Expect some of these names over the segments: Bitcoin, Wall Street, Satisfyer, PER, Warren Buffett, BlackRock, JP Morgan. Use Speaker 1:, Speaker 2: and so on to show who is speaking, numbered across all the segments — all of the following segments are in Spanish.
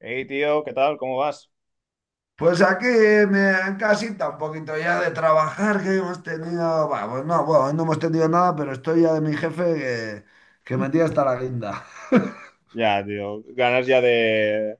Speaker 1: Hey, tío, ¿qué tal? ¿Cómo vas?
Speaker 2: Pues aquí en casita un poquito ya de trabajar que hemos tenido, bah, pues no, bueno, hoy no hemos tenido nada, pero estoy ya de mi jefe que me tiene hasta la guinda.
Speaker 1: Ya, tío, ganas ya de,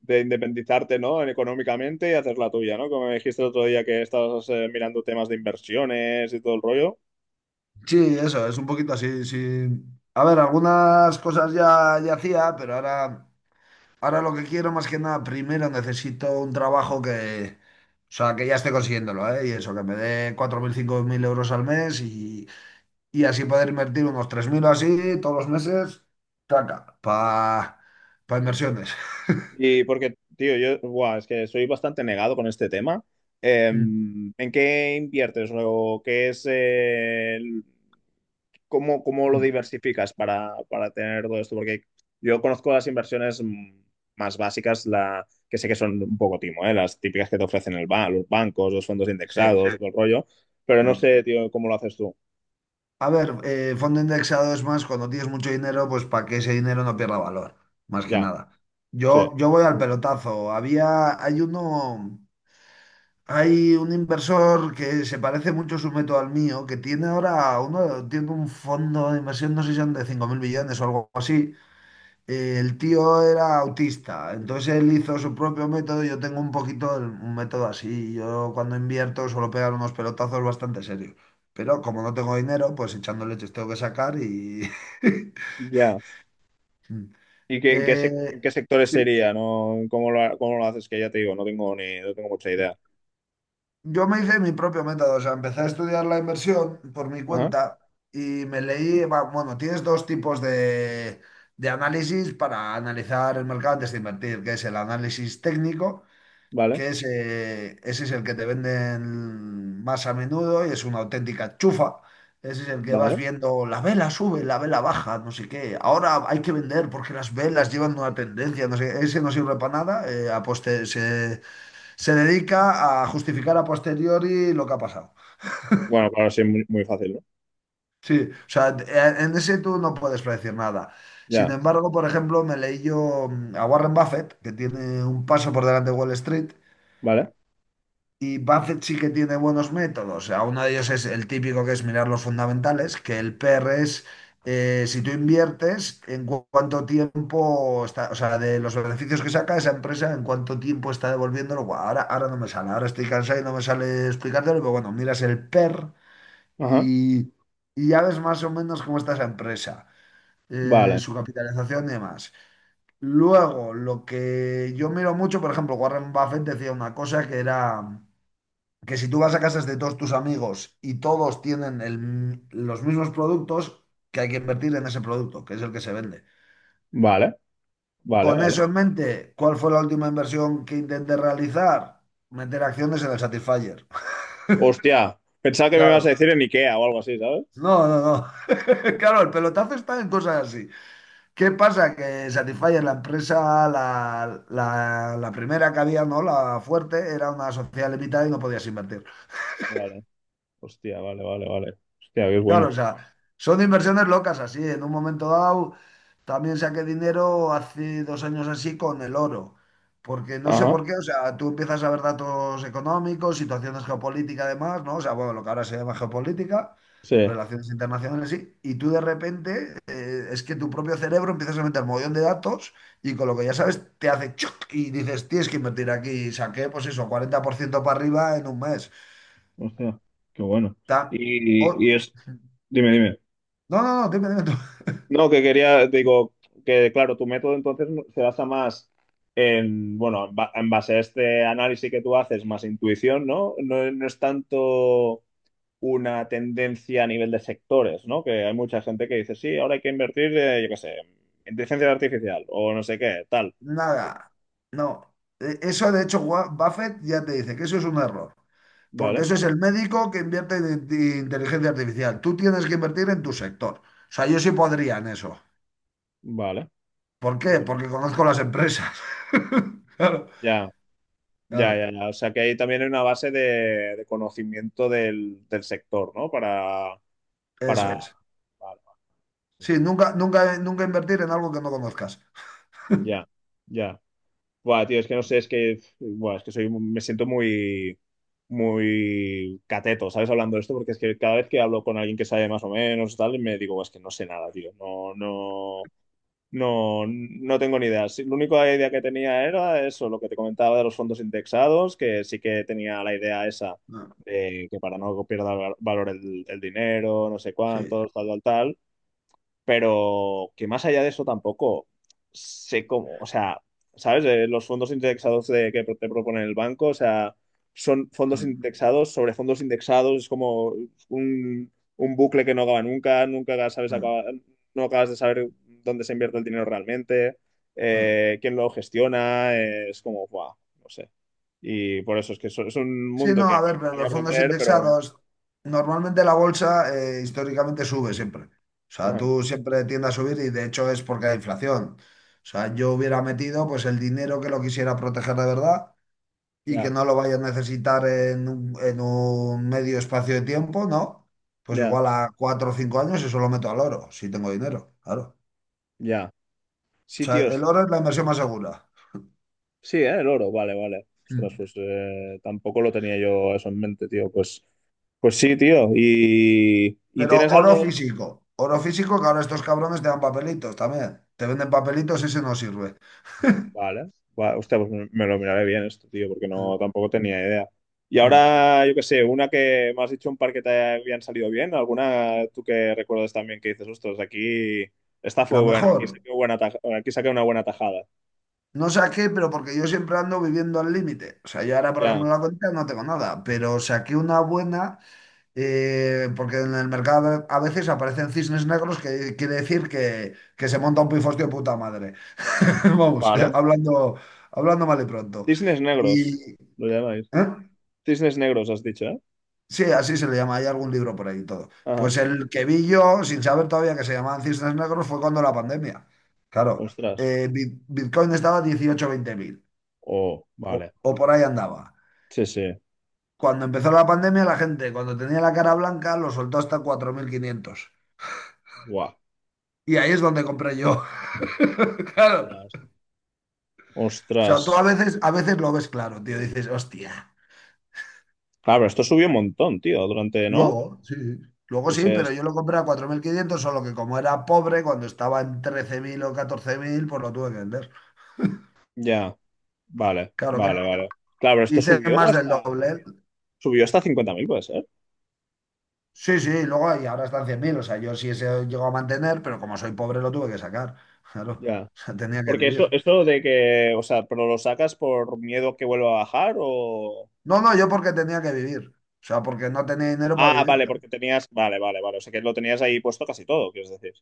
Speaker 1: de independizarte, ¿no? Económicamente y hacer la tuya, ¿no? Como me dijiste el otro día que estabas mirando temas de inversiones y todo el rollo.
Speaker 2: Sí, eso, es un poquito así, sí. A ver, algunas cosas ya, ya hacía, pero ahora, ahora lo que quiero más que nada, primero necesito un trabajo que, o sea, que ya esté consiguiéndolo, ¿eh? Y eso, que me dé 4.000, 5.000 euros al mes y así poder invertir unos 3.000 o así todos los meses, taca, para inversiones.
Speaker 1: Y porque, tío, yo, buah, es que soy bastante negado con este tema. Eh,
Speaker 2: Mm,
Speaker 1: ¿en qué inviertes o qué es cómo lo
Speaker 2: mm.
Speaker 1: diversificas para tener todo esto? Porque yo conozco las inversiones más básicas, que sé que son un poco timo, ¿eh? Las típicas que te ofrecen los bancos, los fondos, sí,
Speaker 2: Sí.
Speaker 1: indexados, todo el rollo, pero no
Speaker 2: Sí.
Speaker 1: sé, tío, cómo lo haces tú.
Speaker 2: A ver, fondo indexado es más cuando tienes mucho dinero, pues para que ese dinero no pierda valor, más que
Speaker 1: Ya,
Speaker 2: nada.
Speaker 1: sí,
Speaker 2: Yo voy al pelotazo. Hay un inversor que se parece mucho su método al mío, que tiene ahora uno, tiene un fondo de inversión, no sé si son de 5.000 millones o algo así, el tío era autista, entonces él hizo su propio método. Yo tengo un poquito un método así. Yo cuando invierto suelo pegar unos pelotazos bastante serios. Pero como no tengo dinero, pues echando leches tengo que sacar y...
Speaker 1: ya. ¿Y qué, en qué, en
Speaker 2: Eh,
Speaker 1: qué sectores
Speaker 2: sí,
Speaker 1: sería? ¿No? ¿Cómo lo haces? Que ya te digo, no tengo mucha
Speaker 2: sí.
Speaker 1: idea.
Speaker 2: Yo me hice mi propio método, o sea, empecé a estudiar la inversión por mi
Speaker 1: Ajá,
Speaker 2: cuenta y me leí, va, bueno, tienes dos tipos de análisis para analizar el mercado antes de invertir, que es el análisis técnico
Speaker 1: vale,
Speaker 2: que ese es el que te venden más a menudo y es una auténtica chufa. Ese es el que vas
Speaker 1: vale.
Speaker 2: viendo, la vela sube, la vela baja, no sé qué. Ahora hay que vender porque las velas llevan una tendencia, no sé, ese no sirve para nada. Se dedica a justificar a posteriori lo que ha pasado.
Speaker 1: Bueno, claro, sí, es muy, muy fácil, ¿no?
Speaker 2: Sí, o sea, en ese tú no puedes predecir nada. Sin
Speaker 1: Ya,
Speaker 2: embargo, por ejemplo, me leí yo a Warren Buffett, que tiene un paso por delante de Wall Street.
Speaker 1: vale,
Speaker 2: Y Buffett sí que tiene buenos métodos. O sea, uno de ellos es el típico que es mirar los fundamentales, que el PR es si tú inviertes, en cuánto tiempo está, o sea, de los beneficios que saca esa empresa, en cuánto tiempo está devolviéndolo. Buah, ahora, ahora no me sale, ahora estoy cansado y no me sale explicártelo, pero bueno, miras el PER
Speaker 1: ajá,
Speaker 2: y, y ya ves más o menos cómo está esa empresa,
Speaker 1: vale,
Speaker 2: su capitalización y demás. Luego, lo que yo miro mucho, por ejemplo, Warren Buffett decía una cosa que era que si tú vas a casas de todos tus amigos y todos tienen el los mismos productos, que hay que invertir en ese producto, que es el que se vende.
Speaker 1: vale, vale,
Speaker 2: Con
Speaker 1: vale.
Speaker 2: eso en mente, ¿cuál fue la última inversión que intenté realizar? Meter acciones en el Satisfyer.
Speaker 1: Hostia, pensaba que me ibas a
Speaker 2: Claro.
Speaker 1: decir en IKEA o algo así, ¿sabes?
Speaker 2: No, no, no. Claro, el pelotazo está en cosas así. ¿Qué pasa? Que Satisfyer, la empresa, la primera que había, ¿no? La fuerte, era una sociedad limitada y no podías invertir.
Speaker 1: Vale, hostia, vale, vale, vale. Hostia, qué bueno.
Speaker 2: Claro, o sea, son inversiones locas así. En un momento dado también saqué dinero hace 2 años así con el oro, porque no sé
Speaker 1: Ajá,
Speaker 2: por qué, o sea, tú empiezas a ver datos económicos, situaciones geopolíticas además, ¿no? O sea, bueno, lo que ahora se llama geopolítica,
Speaker 1: sí,
Speaker 2: relaciones internacionales, sí, y tú de repente es que tu propio cerebro empiezas a meter un montón de datos y con lo que ya sabes te hace choc y dices, tienes que invertir aquí y saqué pues eso, 40% para arriba en un mes.
Speaker 1: hostia, qué bueno.
Speaker 2: Ta-
Speaker 1: Y,
Speaker 2: o-
Speaker 1: y es, dime, dime.
Speaker 2: No, no, no, dime, dime tú.
Speaker 1: No, que quería, digo, que claro, tu método entonces no, se basa más en, bueno, en base a este análisis que tú haces, más intuición, ¿no? No, no es tanto una tendencia a nivel de sectores, ¿no? Que hay mucha gente que dice, sí, ahora hay que invertir, yo qué sé, en inteligencia artificial o no sé qué, tal.
Speaker 2: Nada, no. Eso, de hecho, Buffett ya te dice que eso es un error, porque
Speaker 1: Vale,
Speaker 2: eso es el médico que invierte en inteligencia artificial. Tú tienes que invertir en tu sector. O sea, yo sí podría en eso.
Speaker 1: vale,
Speaker 2: ¿Por qué?
Speaker 1: vale.
Speaker 2: Porque conozco las empresas. Claro,
Speaker 1: Ya, ya,
Speaker 2: claro,
Speaker 1: ya, ya. O sea que ahí también hay una base de conocimiento del sector, ¿no? Para,
Speaker 2: eso es.
Speaker 1: vale, vale. Sí,
Speaker 2: Sí,
Speaker 1: sí.
Speaker 2: nunca, nunca, nunca invertir en algo que no conozcas.
Speaker 1: Ya. Ya. Buah, tío, es que no sé, es que, buah, me siento muy, muy cateto, ¿sabes? Hablando de esto, porque es que cada vez que hablo con alguien que sabe más o menos, tal, me digo, es que no sé nada, tío, no, no, no, no tengo ni idea. Sí, la única idea que tenía era eso, lo que te comentaba de los fondos indexados, que sí que tenía la idea esa
Speaker 2: No,
Speaker 1: de que para no pierda valor el dinero, no sé
Speaker 2: sí.
Speaker 1: cuántos, tal, tal, tal, pero que más allá de eso tampoco sé cómo, o sea, ¿sabes? Los fondos indexados que te propone el banco, o sea, son fondos
Speaker 2: Mm,
Speaker 1: indexados sobre fondos indexados, es como un bucle que no acaba nunca, nunca sabes
Speaker 2: mm,
Speaker 1: acaba- no acabas de saber dónde se invierte el dinero realmente,
Speaker 2: mm.
Speaker 1: quién lo gestiona, es como, guau, no sé. Y por eso es que es un
Speaker 2: Sí,
Speaker 1: mundo
Speaker 2: no,
Speaker 1: que
Speaker 2: a
Speaker 1: me
Speaker 2: ver, pero
Speaker 1: gustaría
Speaker 2: los fondos
Speaker 1: aprender, pero...
Speaker 2: indexados, normalmente la bolsa históricamente sube siempre. O sea,
Speaker 1: Ajá,
Speaker 2: tú siempre tiende a subir y de hecho es porque hay inflación. O sea, yo hubiera metido pues el dinero que lo quisiera proteger de verdad y que
Speaker 1: ya,
Speaker 2: no lo vaya a necesitar en un medio espacio de tiempo, ¿no? Pues
Speaker 1: ya,
Speaker 2: igual a 4 o 5 años eso lo meto al oro, si tengo dinero, claro.
Speaker 1: ya.
Speaker 2: O sea,
Speaker 1: Sitios
Speaker 2: el oro es la inversión más segura.
Speaker 1: Sí, ¿eh? El oro, vale, vale. Ostras,
Speaker 2: Mm.
Speaker 1: pues tampoco lo tenía yo eso en mente, tío. Pues, sí, tío. ¿Y
Speaker 2: Pero
Speaker 1: tienes
Speaker 2: oro
Speaker 1: algo?
Speaker 2: físico. Oro físico que ahora estos cabrones te dan papelitos también. Te venden papelitos, ese no sirve.
Speaker 1: Vale. Va, hostia, pues me lo miraré bien esto, tío, porque no tampoco tenía idea. Y ahora, yo qué sé, una que me has dicho un par que te habían salido bien, alguna tú que recuerdas también que dices, ostras, aquí esta
Speaker 2: La
Speaker 1: fue buena, aquí
Speaker 2: mejor.
Speaker 1: saqué, buena taj- aquí saqué una buena tajada.
Speaker 2: No saqué, pero porque yo siempre ando viviendo al límite. O sea, yo ahora, por
Speaker 1: Ya,
Speaker 2: ejemplo, en la cuenta no tengo nada, pero saqué una buena, porque en el mercado a veces aparecen cisnes negros, que quiere decir que se monta un pifostio de puta madre. Vamos,
Speaker 1: vale.
Speaker 2: hablando mal y pronto.
Speaker 1: Cisnes negros,
Speaker 2: Y,
Speaker 1: lo llamáis.
Speaker 2: ¿eh?
Speaker 1: Cisnes negros, has dicho, ¿eh?
Speaker 2: Sí, así se le llama. Hay algún libro por ahí y todo.
Speaker 1: Ajá.
Speaker 2: Pues el que vi yo, sin saber todavía que se llamaban cisnes negros, fue cuando la pandemia. Claro,
Speaker 1: Ostras.
Speaker 2: Bitcoin estaba a 18 20 mil
Speaker 1: Oh,
Speaker 2: o,
Speaker 1: vale.
Speaker 2: o por ahí andaba.
Speaker 1: Sí, sí.
Speaker 2: Cuando empezó la pandemia, la gente, cuando tenía la cara blanca, lo soltó hasta 4.500.
Speaker 1: Guau.
Speaker 2: Y ahí es donde compré yo. Claro.
Speaker 1: Ostras.
Speaker 2: O
Speaker 1: Ostras.
Speaker 2: sea, tú a veces lo ves claro, tío. Dices, hostia.
Speaker 1: Claro, pero esto subió un montón, tío, durante, ¿no?
Speaker 2: Luego, sí. Sí. Luego sí,
Speaker 1: Ese
Speaker 2: pero
Speaker 1: es-
Speaker 2: yo lo compré a 4.500 solo que como era pobre, cuando estaba en 13.000 o 14.000 pues lo tuve que vender.
Speaker 1: Ya. Vale,
Speaker 2: Claro que
Speaker 1: vale, vale. Claro, pero esto
Speaker 2: hice
Speaker 1: subió
Speaker 2: más del
Speaker 1: hasta,
Speaker 2: doble.
Speaker 1: subió hasta 50.000 puede ser.
Speaker 2: Sí, sí, luego y ahora están 100.000 o sea, yo sí se llegó a mantener, pero como soy pobre lo tuve que sacar. Claro, o
Speaker 1: Ya.
Speaker 2: sea, tenía que
Speaker 1: Porque eso,
Speaker 2: vivir.
Speaker 1: eso de que, o sea, pero lo sacas por miedo a que vuelva a bajar o...
Speaker 2: No, no, yo porque tenía que vivir. O sea, porque no tenía dinero para
Speaker 1: Ah,
Speaker 2: vivir.
Speaker 1: vale, porque tenías, vale, vale, vale. O sea, que lo tenías ahí puesto casi todo, quieres decir.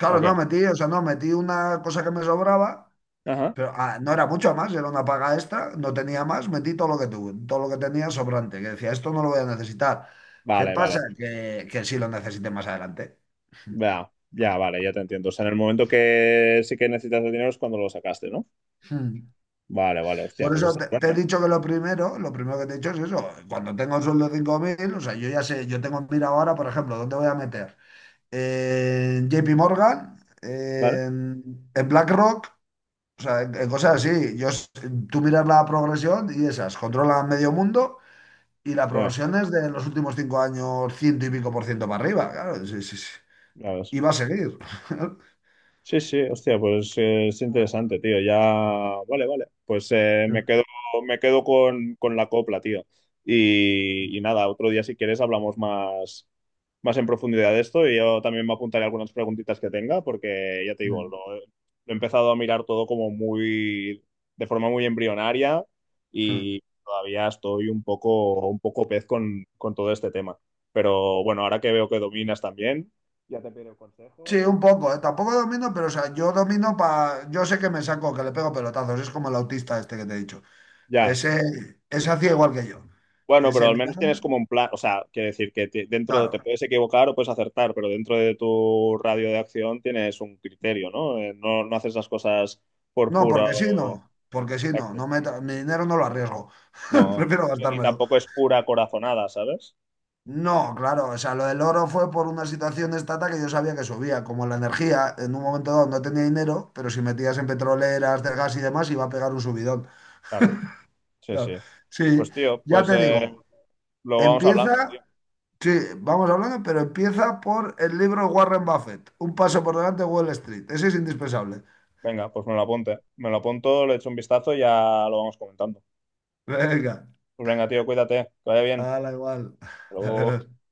Speaker 2: Claro,
Speaker 1: Ok.
Speaker 2: no metí, o sea, no metí una cosa que me sobraba.
Speaker 1: Ajá.
Speaker 2: Pero ah, no era mucho más, era una paga extra, no tenía más, metí todo lo que tuve, todo lo que tenía sobrante, que decía, esto no lo voy a necesitar. ¿Qué
Speaker 1: Vale,
Speaker 2: pasa?
Speaker 1: vale.
Speaker 2: Que sí lo necesité más adelante.
Speaker 1: Ya, ya, vale, ya te entiendo. O sea, en el momento que sí que necesitas el dinero es cuando lo sacaste, ¿no?
Speaker 2: Hmm.
Speaker 1: Vale, vale, hostia,
Speaker 2: Por
Speaker 1: pues
Speaker 2: eso
Speaker 1: está
Speaker 2: te,
Speaker 1: es
Speaker 2: te he
Speaker 1: buena,
Speaker 2: dicho que lo primero que te he dicho es eso, cuando tengo un sueldo de 5.000 o sea, yo ya sé, yo tengo en mira ahora, por ejemplo, ¿dónde voy a meter? En JP Morgan,
Speaker 1: ¿vale?
Speaker 2: en BlackRock, o sea, en cosas así. Tú miras la progresión y esas, controlan medio mundo. Y la
Speaker 1: Ya,
Speaker 2: progresión es de los últimos 5 años, ciento y pico por ciento para arriba, claro. Sí, sí, sí.
Speaker 1: ya ves.
Speaker 2: Y va a seguir.
Speaker 1: Sí, sí, hostia, pues es interesante, tío. Ya, vale, vale. Pues me quedo con la copla, tío. Y nada, otro día si quieres hablamos más, más en profundidad de esto y yo también me apuntaré algunas preguntitas que tenga porque ya te digo, lo he empezado a mirar todo de forma muy embrionaria y todavía estoy un poco pez con todo este tema. Pero bueno, ahora que veo que dominas también, ya te pido
Speaker 2: Sí,
Speaker 1: consejo y...
Speaker 2: un poco, ¿eh? Tampoco domino, pero o sea, yo domino para. Yo sé que me saco, que le pego pelotazos. Es como el autista este que te he dicho.
Speaker 1: Ya.
Speaker 2: Ese hacía igual que yo.
Speaker 1: Bueno, pero
Speaker 2: Ese
Speaker 1: al
Speaker 2: mira,
Speaker 1: menos tienes como un plan, o sea, quiere decir que dentro
Speaker 2: claro.
Speaker 1: te puedes equivocar o puedes acertar, pero dentro de tu radio de acción tienes un criterio, ¿no? No, no haces las cosas por
Speaker 2: No,
Speaker 1: pura...
Speaker 2: porque sí, no. Porque sí, no.
Speaker 1: Exacto.
Speaker 2: Mi dinero no lo arriesgo.
Speaker 1: No.
Speaker 2: Prefiero
Speaker 1: Y
Speaker 2: gastármelo.
Speaker 1: tampoco es pura corazonada, ¿sabes?
Speaker 2: No, claro, o sea, lo del oro fue por una situación de estata que yo sabía que subía, como la energía, en un momento dado no tenía dinero, pero si metías en petroleras, del gas y demás, iba a pegar un subidón.
Speaker 1: Claro. Sí,
Speaker 2: Claro.
Speaker 1: sí.
Speaker 2: Sí,
Speaker 1: Pues tío,
Speaker 2: ya
Speaker 1: pues
Speaker 2: te digo,
Speaker 1: lo vamos hablando, tío.
Speaker 2: empieza, sí, vamos hablando, pero empieza por el libro Warren Buffett, Un paso por delante de Wall Street, ese es indispensable.
Speaker 1: Venga, pues me lo apunte. Me lo apunto, le echo un vistazo y ya lo vamos comentando.
Speaker 2: Venga,
Speaker 1: Pues venga, tío, cuídate, que vaya bien.
Speaker 2: la igual.
Speaker 1: Hasta luego.